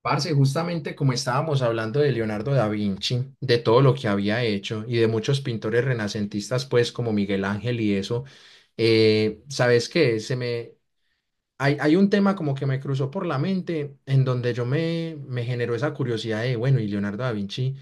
Parce, justamente como estábamos hablando de Leonardo da Vinci, de todo lo que había hecho y de muchos pintores renacentistas, pues como Miguel Ángel y eso, ¿sabes qué? Hay un tema como que me cruzó por la mente en donde yo me generó esa curiosidad de, bueno, y Leonardo da Vinci,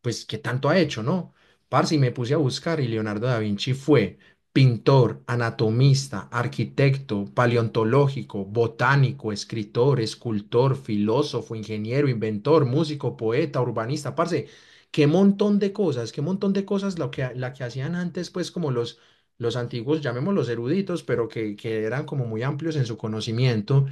pues, ¿qué tanto ha hecho, no? Parce, y me puse a buscar, y Leonardo da Vinci fue pintor, anatomista, arquitecto, paleontológico, botánico, escritor, escultor, filósofo, ingeniero, inventor, músico, poeta, urbanista, parce, qué montón de cosas, qué montón de cosas lo que, la que hacían antes, pues, como los antiguos, llamémoslos eruditos, pero que eran como muy amplios en su conocimiento.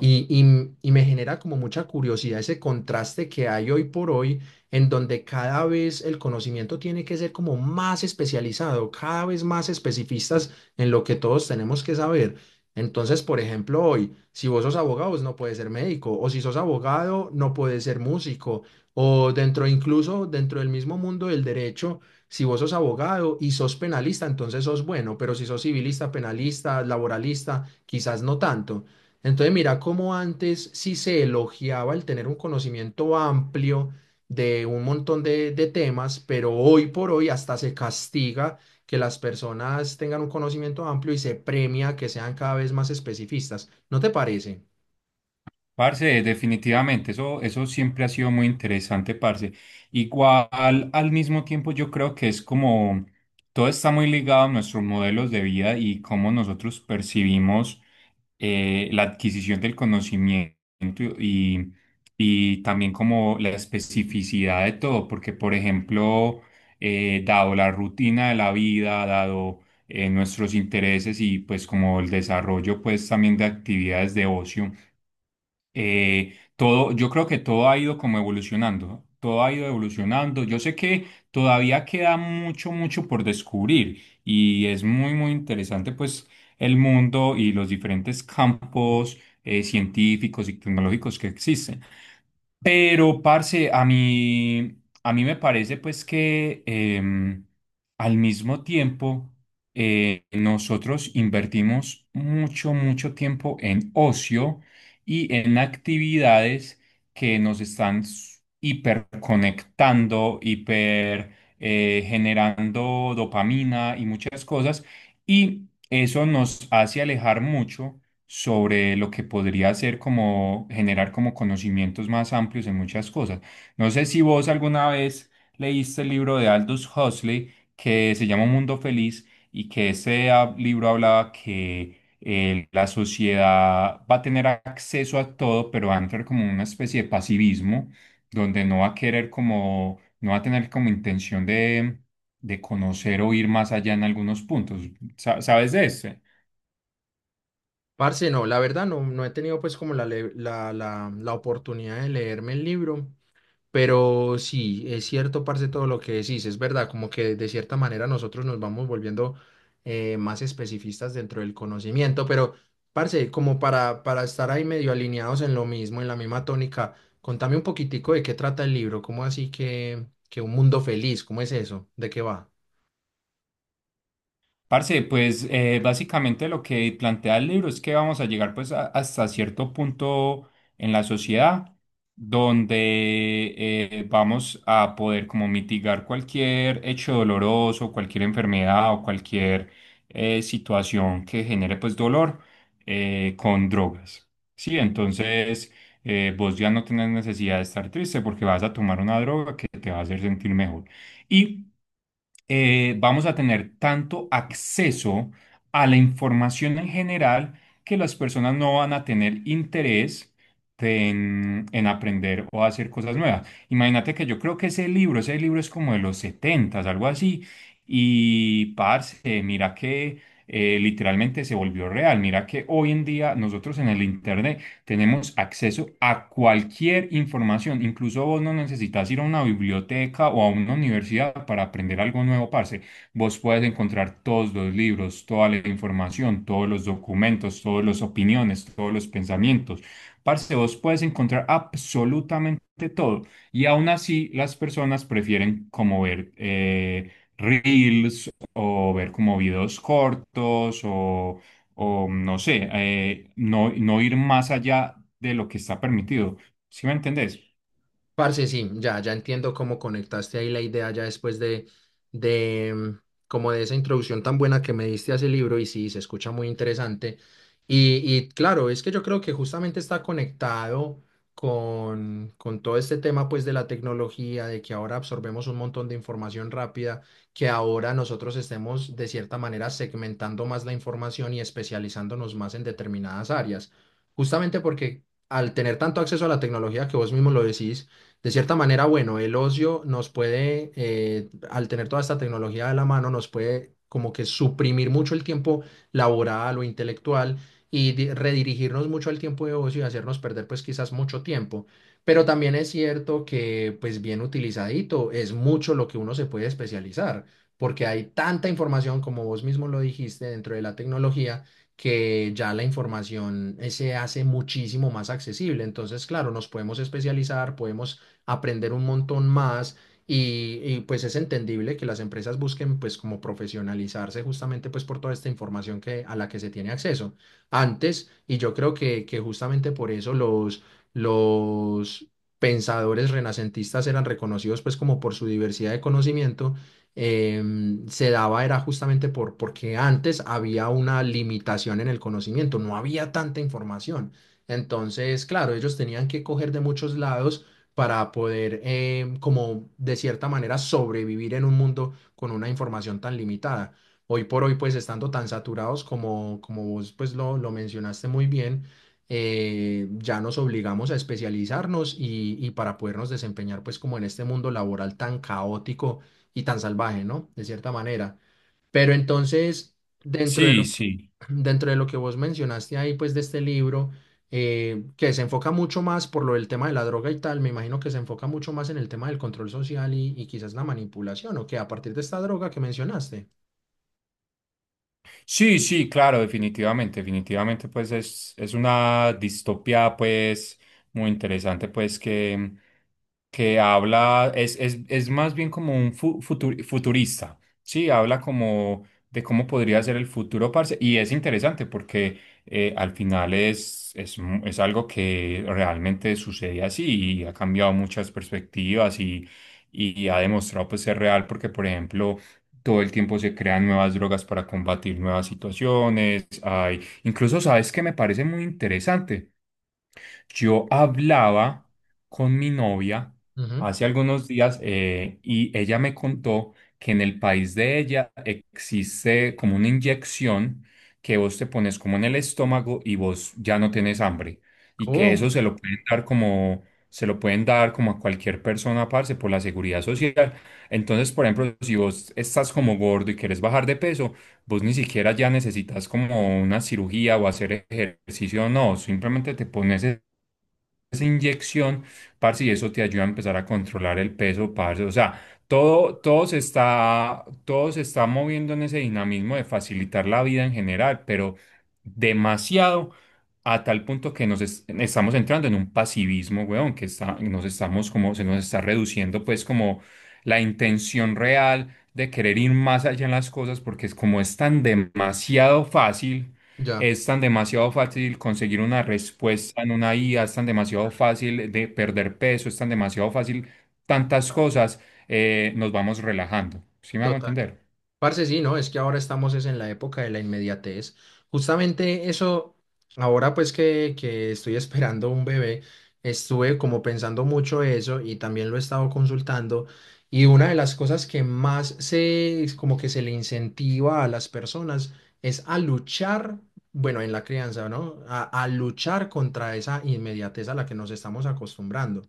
Y me genera como mucha curiosidad ese contraste que hay hoy por hoy, en donde cada vez el conocimiento tiene que ser como más especializado, cada vez más especificistas en lo que todos tenemos que saber. Entonces, por ejemplo, hoy, si vos sos abogado, vos no puedes ser médico, o si sos abogado, no puedes ser músico, o dentro, incluso dentro del mismo mundo del derecho, si vos sos abogado y sos penalista, entonces sos bueno, pero si sos civilista, penalista, laboralista, quizás no tanto. Entonces, mira cómo antes sí se elogiaba el tener un conocimiento amplio de un montón de temas, pero hoy por hoy hasta se castiga que las personas tengan un conocimiento amplio y se premia que sean cada vez más especificistas. ¿No te parece? Parce, definitivamente, eso siempre ha sido muy interesante, parce. Igual, al mismo tiempo, yo creo que es como todo está muy ligado a nuestros modelos de vida y cómo nosotros percibimos la adquisición del conocimiento y, y también como la especificidad de todo, porque, por ejemplo, dado la rutina de la vida, dado nuestros intereses y pues como el desarrollo pues también de actividades de ocio, todo, yo creo que todo ha ido como evolucionando, todo ha ido evolucionando. Yo sé que todavía queda mucho, mucho por descubrir y es muy, muy interesante pues el mundo y los diferentes campos científicos y tecnológicos que existen. Pero, parce, a mí me parece pues que al mismo tiempo nosotros invertimos mucho, mucho tiempo en ocio y en actividades que nos están hiperconectando, hiper generando dopamina y muchas cosas. Y eso nos hace alejar mucho sobre lo que podría ser como generar como conocimientos más amplios en muchas cosas. No sé si vos alguna vez leíste el libro de Aldous Huxley que se llama Un Mundo Feliz y que ese libro hablaba que la sociedad va a tener acceso a todo, pero va a entrar como una especie de pasivismo donde no va a querer como, no va a tener como intención de conocer o ir más allá en algunos puntos. ¿Sabes de eso? Parce, no, la verdad no, no he tenido pues como la, le- la oportunidad de leerme el libro. Pero sí, es cierto, parce, todo lo que decís, es verdad, como que de cierta manera nosotros nos vamos volviendo, más especificistas dentro del conocimiento, pero parce, como para estar ahí medio alineados en lo mismo, en la misma tónica. Contame un poquitico de qué trata el libro, cómo así que un mundo feliz, ¿cómo es eso? ¿De qué va? Parce, pues básicamente lo que plantea el libro es que vamos a llegar pues hasta cierto punto en la sociedad donde vamos a poder como mitigar cualquier hecho doloroso, cualquier enfermedad o cualquier situación que genere pues dolor con drogas. Sí, entonces vos ya no tenés necesidad de estar triste porque vas a tomar una droga que te va a hacer sentir mejor. Y vamos a tener tanto acceso a la información en general que las personas no van a tener interés en aprender o hacer cosas nuevas. Imagínate que yo creo que ese libro es como de los setentas algo así, y parce, mira que literalmente se volvió real, mira que hoy en día nosotros en el Internet tenemos acceso a cualquier información. Incluso vos no necesitas ir a una biblioteca o a una universidad para aprender algo nuevo, parce. Vos puedes encontrar todos los libros, toda la información, todos los documentos, todas las opiniones, todos los pensamientos. Parce, vos puedes encontrar absolutamente todo. Y aún así, las personas prefieren como ver reels o ver como videos cortos o no sé, no, no ir más allá de lo que está permitido. ¿Sí me entendés? Parce, sí, ya entiendo cómo conectaste ahí la idea ya después de como de esa introducción tan buena que me diste a ese libro, y sí, se escucha muy interesante. Y claro, es que yo creo que justamente está conectado con todo este tema pues de la tecnología, de que ahora absorbemos un montón de información rápida, que ahora nosotros estemos de cierta manera segmentando más la información y especializándonos más en determinadas áreas, justamente porque al tener tanto acceso a la tecnología que vos mismo lo decís, de cierta manera, bueno, el ocio nos puede, al tener toda esta tecnología de la mano, nos puede como que suprimir mucho el tiempo laboral o intelectual, y redirigirnos mucho al tiempo de ocio y hacernos perder pues quizás mucho tiempo. Pero también es cierto que pues bien utilizadito es mucho lo que uno se puede especializar, porque hay tanta información, como vos mismo lo dijiste, dentro de la tecnología, que ya la información, se hace muchísimo más accesible. Entonces, claro, nos podemos especializar, podemos aprender un montón más, y pues es entendible que las empresas busquen pues como profesionalizarse justamente pues por toda esta información que, a la que se tiene acceso antes, y yo creo que justamente por eso los pensadores renacentistas eran reconocidos pues como por su diversidad de conocimiento, se daba era justamente porque antes había una limitación en el conocimiento, no había tanta información. Entonces, claro, ellos tenían que coger de muchos lados para poder, como de cierta manera, sobrevivir en un mundo con una información tan limitada. Hoy por hoy, pues estando tan saturados como, como vos pues lo mencionaste muy bien, ya nos obligamos a especializarnos, y para podernos desempeñar pues como en este mundo laboral tan caótico y tan salvaje, ¿no? De cierta manera. Pero entonces, dentro de Sí, lo, sí. dentro de lo que vos mencionaste ahí, pues de este libro, que se enfoca mucho más por lo del tema de la droga y tal, me imagino que se enfoca mucho más en el tema del control social, y quizás la manipulación, o que a partir de esta droga que mencionaste. Sí, sí, claro, definitivamente, definitivamente, pues es una distopía, pues, muy interesante, pues, que habla, es más bien como un futurista, sí, habla como de cómo podría ser el futuro, parce, y es interesante porque al final es, es algo que realmente sucede así y ha cambiado muchas perspectivas y ha demostrado, pues, ser real, porque, por ejemplo, todo el tiempo se crean nuevas drogas para combatir nuevas situaciones. Hay, incluso, ¿sabes que me parece muy interesante? Yo hablaba con mi novia Ujú. Sí. hace algunos días, y ella me contó que en el país de ella existe como una inyección que vos te pones como en el estómago y vos ya no tienes hambre y que ¿Cómo? eso se lo pueden dar como a cualquier persona, parce, por la seguridad social. Entonces, por ejemplo, si vos estás como gordo y querés bajar de peso, vos ni siquiera ya necesitas como una cirugía o hacer ejercicio, no, simplemente te pones esa inyección, parce, y eso te ayuda a empezar a controlar el peso, parce. O sea, todo, todo se está moviendo en ese dinamismo de facilitar la vida en general, pero demasiado a tal punto que nos estamos entrando en un pasivismo, weón, que está, nos estamos como, se nos está reduciendo pues como la intención real de querer ir más allá en las cosas porque es como es tan demasiado fácil. Ya, Es tan demasiado fácil conseguir una respuesta en una IA, es tan demasiado fácil de perder peso, es tan demasiado fácil tantas cosas, nos vamos relajando. ¿Sí me hago total. entender? Parce, sí, ¿no? Es que ahora estamos es en la época de la inmediatez. Justamente eso, ahora pues que estoy esperando un bebé, estuve como pensando mucho eso y también lo he estado consultando. Y una de las cosas que más se, como que se le incentiva a las personas es a luchar, bueno, en la crianza, ¿no? A luchar contra esa inmediatez a la que nos estamos acostumbrando.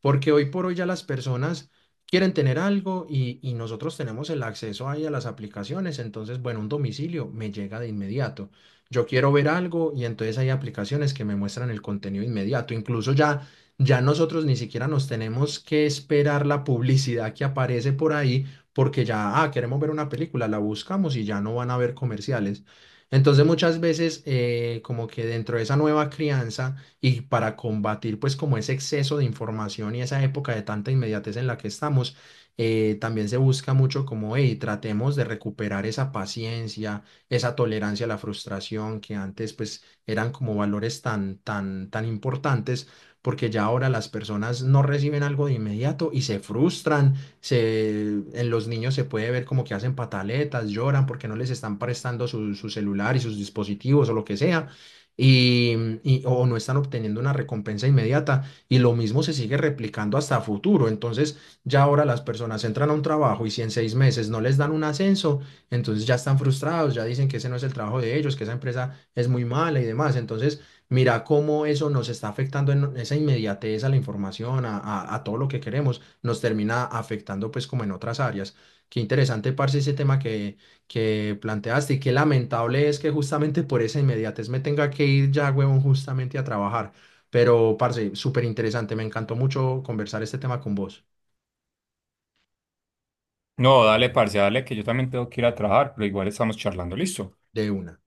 Porque hoy por hoy ya las personas quieren tener algo, y nosotros tenemos el acceso ahí a las aplicaciones, entonces, bueno, un domicilio me llega de inmediato. Yo quiero ver algo y entonces hay aplicaciones que me muestran el contenido inmediato. Incluso ya, ya nosotros ni siquiera nos tenemos que esperar la publicidad que aparece por ahí, porque ya, ah, queremos ver una película, la buscamos y ya no van a ver comerciales. Entonces muchas veces, como que dentro de esa nueva crianza y para combatir pues como ese exceso de información y esa época de tanta inmediatez en la que estamos, también se busca mucho como, hey, tratemos de recuperar esa paciencia, esa tolerancia a la frustración que antes pues eran como valores tan importantes. Porque ya ahora las personas no reciben algo de inmediato y se frustran, se, en los niños se puede ver como que hacen pataletas, lloran porque no les están prestando su celular y sus dispositivos o lo que sea, y, o no están obteniendo una recompensa inmediata, y lo mismo se sigue replicando hasta futuro. Entonces ya ahora las personas entran a un trabajo y si en 6 meses no les dan un ascenso, entonces ya están frustrados, ya dicen que ese no es el trabajo de ellos, que esa empresa es muy mala y demás. Entonces mira cómo eso nos está afectando en esa inmediatez a la información, a todo lo que queremos, nos termina afectando pues como en otras áreas. Qué interesante, parce, ese tema que planteaste, y qué lamentable es que justamente por esa inmediatez me tenga que ir ya, huevón, justamente a trabajar. Pero, parce, súper interesante, me encantó mucho conversar este tema con vos, No, dale, parce, dale, que yo también tengo que ir a trabajar, pero igual estamos charlando, listo. de una.